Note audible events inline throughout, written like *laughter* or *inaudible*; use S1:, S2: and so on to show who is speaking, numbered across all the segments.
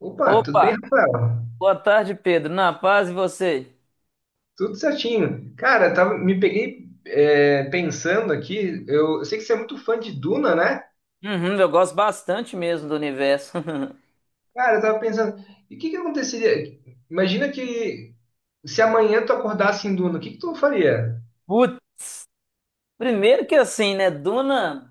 S1: Opa, tudo
S2: Opa,
S1: bem, Rafael?
S2: boa tarde, Pedro. Na paz e você?
S1: Tudo certinho. Cara, tava, me peguei pensando aqui, eu sei que você é muito fã de Duna, né?
S2: Uhum, eu gosto bastante mesmo do universo.
S1: Cara, eu tava pensando, e o que que aconteceria? Imagina que se amanhã tu acordasse em Duna, o que que tu faria?
S2: *laughs* Putz, primeiro que assim, né, Duna,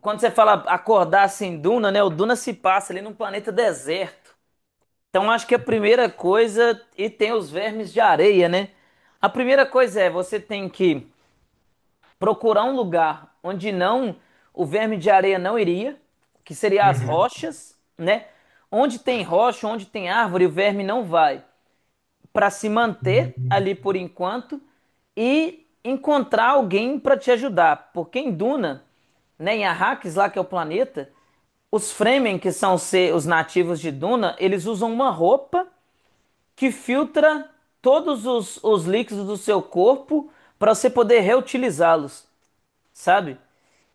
S2: quando você fala acordar assim, Duna, né, o Duna se passa ali num planeta deserto. Então acho que a primeira coisa, e tem os vermes de areia, né? A primeira coisa é, você tem que procurar um lugar onde não, o verme de areia não iria, que seria as
S1: Uhum.
S2: rochas, né? Onde tem rocha, onde tem árvore, o verme não vai, para se manter ali por enquanto e encontrar alguém para te ajudar. Porque em Duna, né, em Arrakis, lá que é o planeta, os Fremen, que são os nativos de Duna, eles usam uma roupa que filtra todos os líquidos do seu corpo para você poder reutilizá-los, sabe?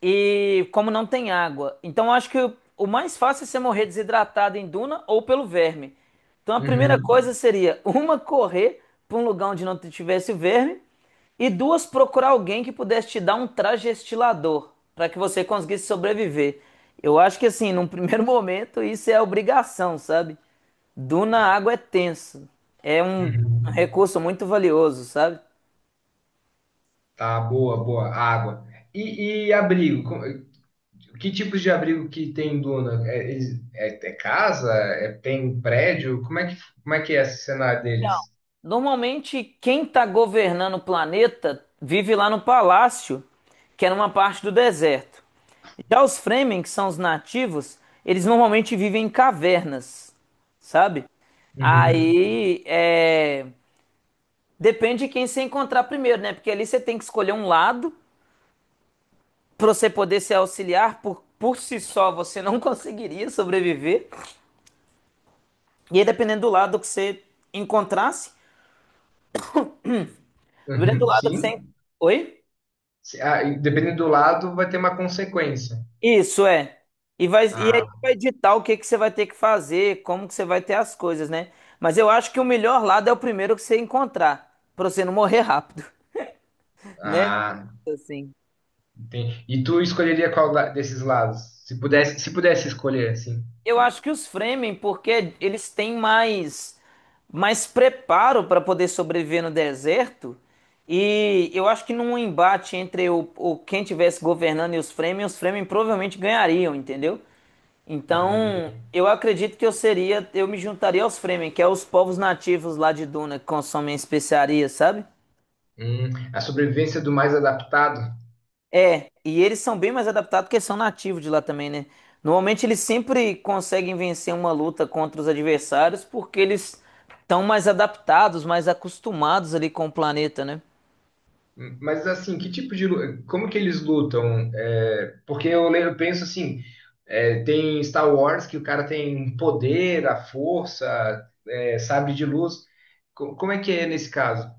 S2: E como não tem água. Então eu acho que o mais fácil é você morrer desidratado em duna ou pelo verme. Então a primeira
S1: Uhum.
S2: coisa seria *laughs* uma, correr para um lugar onde não tivesse verme, e duas, procurar alguém que pudesse te dar um trajestilador para que você conseguisse sobreviver. Eu acho que assim, num primeiro *laughs* momento isso é obrigação, sabe? Duna, água é tenso. É um
S1: Uhum.
S2: recurso muito valioso, sabe?
S1: Tá, boa, boa. Água. E abrigo? Que tipos de abrigo que tem em Duna? É, é casa? Tem prédio? Como é que é esse cenário deles?
S2: Normalmente, quem está governando o planeta vive lá no palácio, que é numa parte do deserto. Já os Fremen, que são os nativos, eles normalmente vivem em cavernas, sabe?
S1: Uhum,
S2: Aí é, depende de quem você encontrar primeiro, né? Porque ali você tem que escolher um lado para você poder se auxiliar. Por si só você não *laughs* conseguiria sobreviver. E aí, dependendo do lado que você encontrasse, dependendo do
S1: uhum,
S2: lado que
S1: sim.
S2: você. Oi?
S1: Ah, e dependendo do lado, vai ter uma consequência.
S2: Isso é. E vai, e aí
S1: Ah,
S2: vai ditar o que que você vai ter que fazer, como que você vai ter as coisas, né? Mas eu acho que o melhor lado é o primeiro que você encontrar, pra você não morrer rápido, *laughs* né?
S1: ah,
S2: Assim.
S1: entendi. E tu escolheria desses lados? Se pudesse, se pudesse escolher, assim.
S2: Eu acho que os Fremen, porque eles têm mais preparo para poder sobreviver no deserto, e eu acho que num embate entre o quem tivesse governando e os Fremen provavelmente ganhariam, entendeu?
S1: Uhum,
S2: Então, eu acredito que eu seria, eu me juntaria aos Fremen, que é os povos nativos lá de Duna que consomem especiarias, sabe?
S1: uhum. A sobrevivência do mais adaptado.
S2: É, e eles são bem mais adaptados porque são nativos de lá também, né? Normalmente eles sempre conseguem vencer uma luta contra os adversários porque eles estão mais adaptados, mais acostumados ali com o planeta, né?
S1: Mas assim, que como que eles lutam? É, porque eu penso assim, é, tem Star Wars que o cara tem poder, a força, é, sabre de luz. Como é que é nesse caso?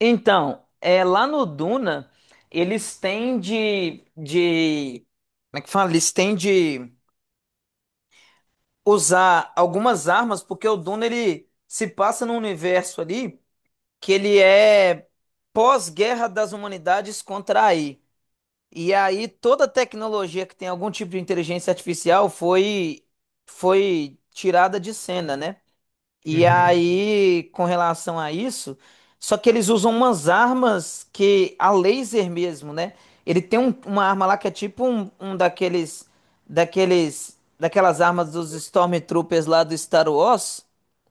S2: Então, é, lá no Duna, eles têm de. Como é que fala? Eles têm de usar algumas armas, porque o Duna ele se passa num universo ali que ele é pós-guerra das humanidades contra a AI. E aí toda tecnologia que tem algum tipo de inteligência artificial foi tirada de cena, né? E
S1: Uhum,
S2: aí, com relação a isso, só que eles usam umas armas que a laser mesmo, né? Ele tem uma arma lá que é tipo um, um daquelas armas dos Stormtroopers lá do Star Wars,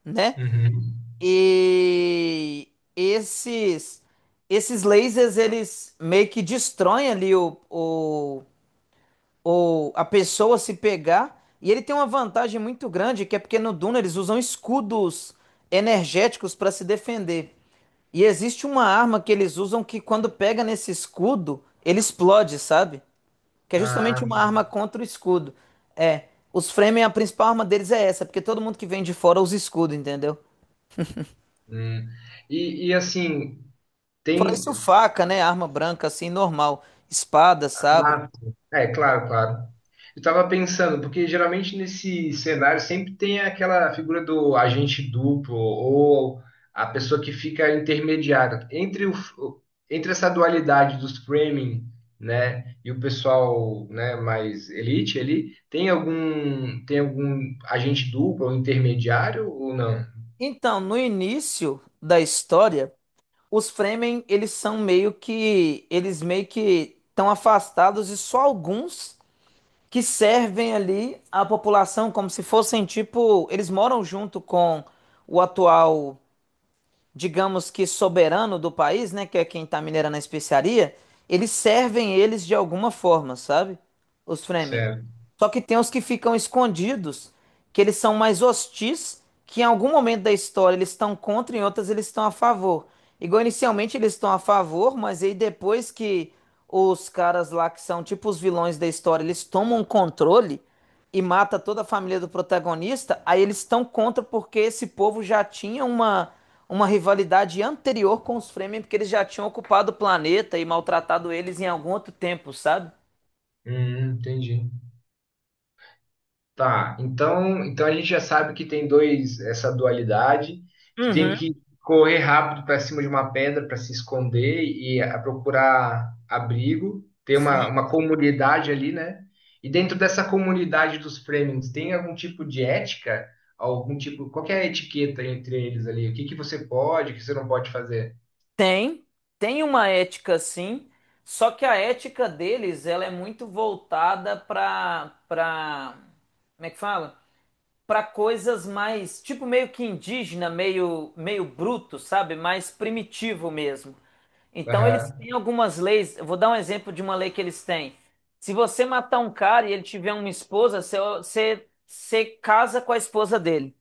S2: né?
S1: uhum.
S2: E esses, esses lasers eles meio que destroem ali o ou a pessoa se pegar. E ele tem uma vantagem muito grande, que é porque no Duna eles usam escudos energéticos para se defender. E existe uma arma que eles usam que quando pega nesse escudo, ele explode, sabe? Que é justamente
S1: Ah.
S2: uma arma contra o escudo. É, os Fremen, a principal arma deles é essa, porque todo mundo que vem de fora usa escudo, entendeu?
S1: Hum. E assim,
S2: Fora isso,
S1: tem.
S2: faca, né? Arma branca, assim, normal. Espada, sabre.
S1: Ah, é, claro, claro. Eu tava pensando, porque geralmente nesse cenário sempre tem aquela figura do agente duplo ou a pessoa que fica intermediária entre o, entre essa dualidade dos framing, né, e o pessoal, né, mais elite ali, tem algum agente duplo ou intermediário ou não?
S2: Então, no início da história, os Fremen, eles são meio que, eles meio que estão afastados e só alguns que servem ali à população, como se fossem tipo. Eles moram junto com o atual, digamos, que soberano do país, né, que é quem está minerando a especiaria, eles servem eles de alguma forma, sabe? Os Fremen.
S1: Certo.
S2: Só que tem os que ficam escondidos, que eles são mais hostis, que em algum momento da história eles estão contra e em outras eles estão a favor. Igual inicialmente eles estão a favor, mas aí depois que os caras lá que são tipo os vilões da história, eles tomam controle, e mata toda a família do protagonista, aí eles estão contra porque esse povo já tinha uma rivalidade anterior com os Fremen, porque eles já tinham ocupado o planeta e maltratado eles em algum outro tempo, sabe?
S1: Entendi. Tá, então a gente já sabe que tem dois, essa dualidade, que tem
S2: Uhum,
S1: que correr rápido para cima de uma pedra para se esconder e procurar abrigo. Tem uma,
S2: sim.
S1: uma comunidade ali, né? E dentro dessa comunidade dos Fremen, tem algum tipo de ética? Algum tipo, qual que é a etiqueta entre eles ali? O que que você pode, o que você não pode fazer?
S2: Tem, tem uma ética sim, só que a ética deles, ela é muito voltada para, como é que fala? Para coisas mais, tipo meio que indígena, meio bruto, sabe? Mais primitivo mesmo. Então eles
S1: Aham.
S2: têm algumas leis. Eu vou dar um exemplo de uma lei que eles têm. Se você matar um cara e ele tiver uma esposa, você casa com a esposa dele.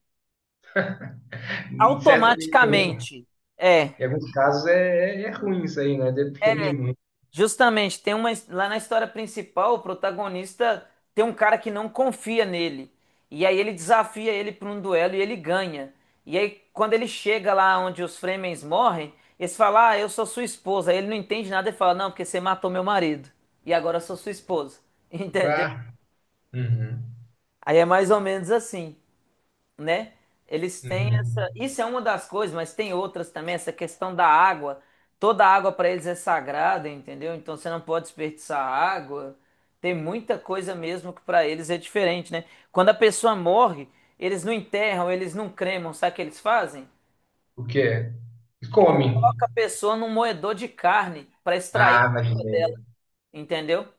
S1: Em certo,
S2: Automaticamente. É.
S1: em alguns casos é, é ruim isso aí, né? Depende
S2: É.
S1: muito.
S2: Justamente, tem uma, lá na história principal, o protagonista tem um cara que não confia nele. E aí ele desafia ele para um duelo e ele ganha. E aí quando ele chega lá onde os Fremen morrem, eles falam: "Ah, eu sou sua esposa". Aí ele não entende nada e fala: "Não, porque você matou meu marido. E agora eu sou sua esposa". *laughs* Entendeu?
S1: Bah. Uhum.
S2: Aí é mais ou menos assim, né? Eles têm
S1: Uhum.
S2: essa. Isso é uma das coisas, mas tem outras também, essa questão da água. Toda água para eles é sagrada, entendeu? Então você não pode desperdiçar água. Tem muita coisa mesmo que para eles é diferente, né? Quando a pessoa morre, eles não enterram, eles não cremam, sabe o que eles fazem?
S1: O quê?
S2: Eles
S1: Come.
S2: colocam a pessoa num moedor de carne para extrair
S1: Ah,
S2: a água
S1: imaginei.
S2: dela, entendeu?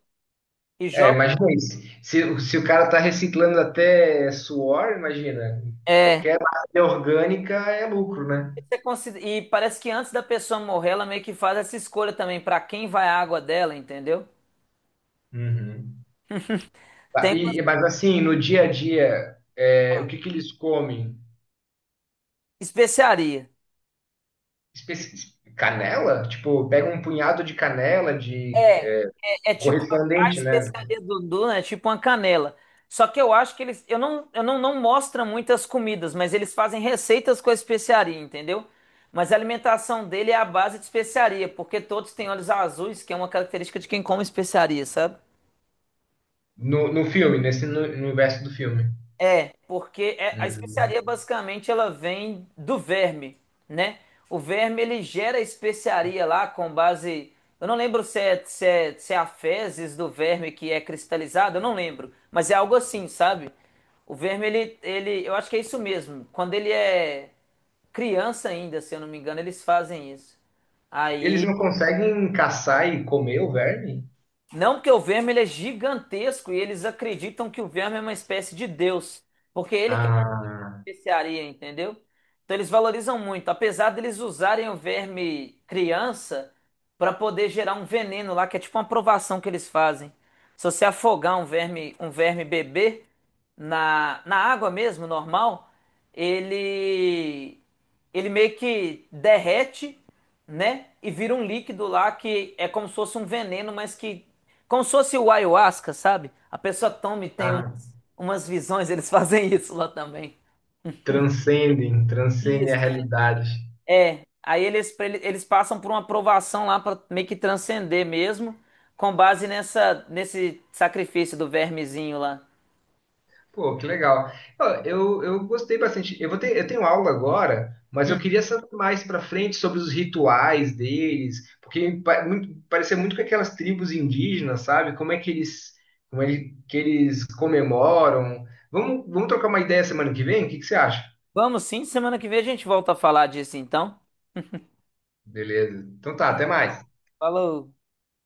S2: E
S1: É,
S2: joga.
S1: imagina isso. Se o cara tá reciclando até suor, imagina.
S2: É.
S1: Qualquer matéria orgânica é lucro, né?
S2: Isso é consider- e parece que antes da pessoa morrer, ela meio que faz essa escolha também para quem vai a água dela, entendeu?
S1: Uhum. Tá,
S2: Tem uma
S1: Mas assim, no dia a dia, é, o que que eles comem?
S2: especiaria.
S1: Canela? Tipo, pega um punhado de canela, de
S2: É. É, é tipo a
S1: correspondente, né?
S2: especiaria do Dudu, né? É tipo uma canela. Só que eu acho que eles, eu não, não mostra muitas comidas, mas eles fazem receitas com a especiaria, entendeu? Mas a alimentação dele é à base de especiaria, porque todos têm olhos azuis, que é uma característica de quem come especiaria, sabe?
S1: No filme, nesse no, no universo do filme.
S2: É, porque é- a
S1: Hum.
S2: especiaria basicamente ela vem do verme, né? O verme ele gera a especiaria lá com base. Eu não lembro se é a fezes do verme que é cristalizado, eu não lembro. Mas é algo assim, sabe? O verme ele, ele. Eu acho que é isso mesmo. Quando ele é criança ainda, se eu não me engano, eles fazem isso.
S1: Eles
S2: Aí.
S1: não conseguem caçar e comer o verme?
S2: Não porque o verme ele é gigantesco e eles acreditam que o verme é uma espécie de Deus. Porque ele que
S1: Ah,
S2: especiaria, entendeu? Então eles valorizam muito, apesar deles usarem o verme criança para poder gerar um veneno lá, que é tipo uma provação que eles fazem. Se você afogar um verme bebê na água mesmo, normal, ele meio que derrete, né? E vira um líquido lá que é como se fosse um veneno, mas que como se fosse o ayahuasca, sabe? A pessoa toma e tem um,
S1: ah.
S2: umas visões, eles *laughs* fazem isso lá também.
S1: Transcendem, transcendem
S2: Isso,
S1: a realidade.
S2: é. É. Aí eles, pra ele- eles passam por uma aprovação lá para meio que transcender mesmo, com base nessa, nesse sacrifício do vermezinho lá.
S1: Pô, que legal. Ó, eu gostei bastante. Eu tenho aula agora, mas eu queria saber mais para frente sobre os rituais deles, porque muito, parecia muito com aquelas tribos indígenas, sabe? Como é que eles, como é que eles comemoram. Vamos trocar uma ideia semana que vem? O que que você acha?
S2: Vamos sim, semana que vem a gente volta a falar disso então.
S1: Beleza. Então tá, até mais.
S2: Falou.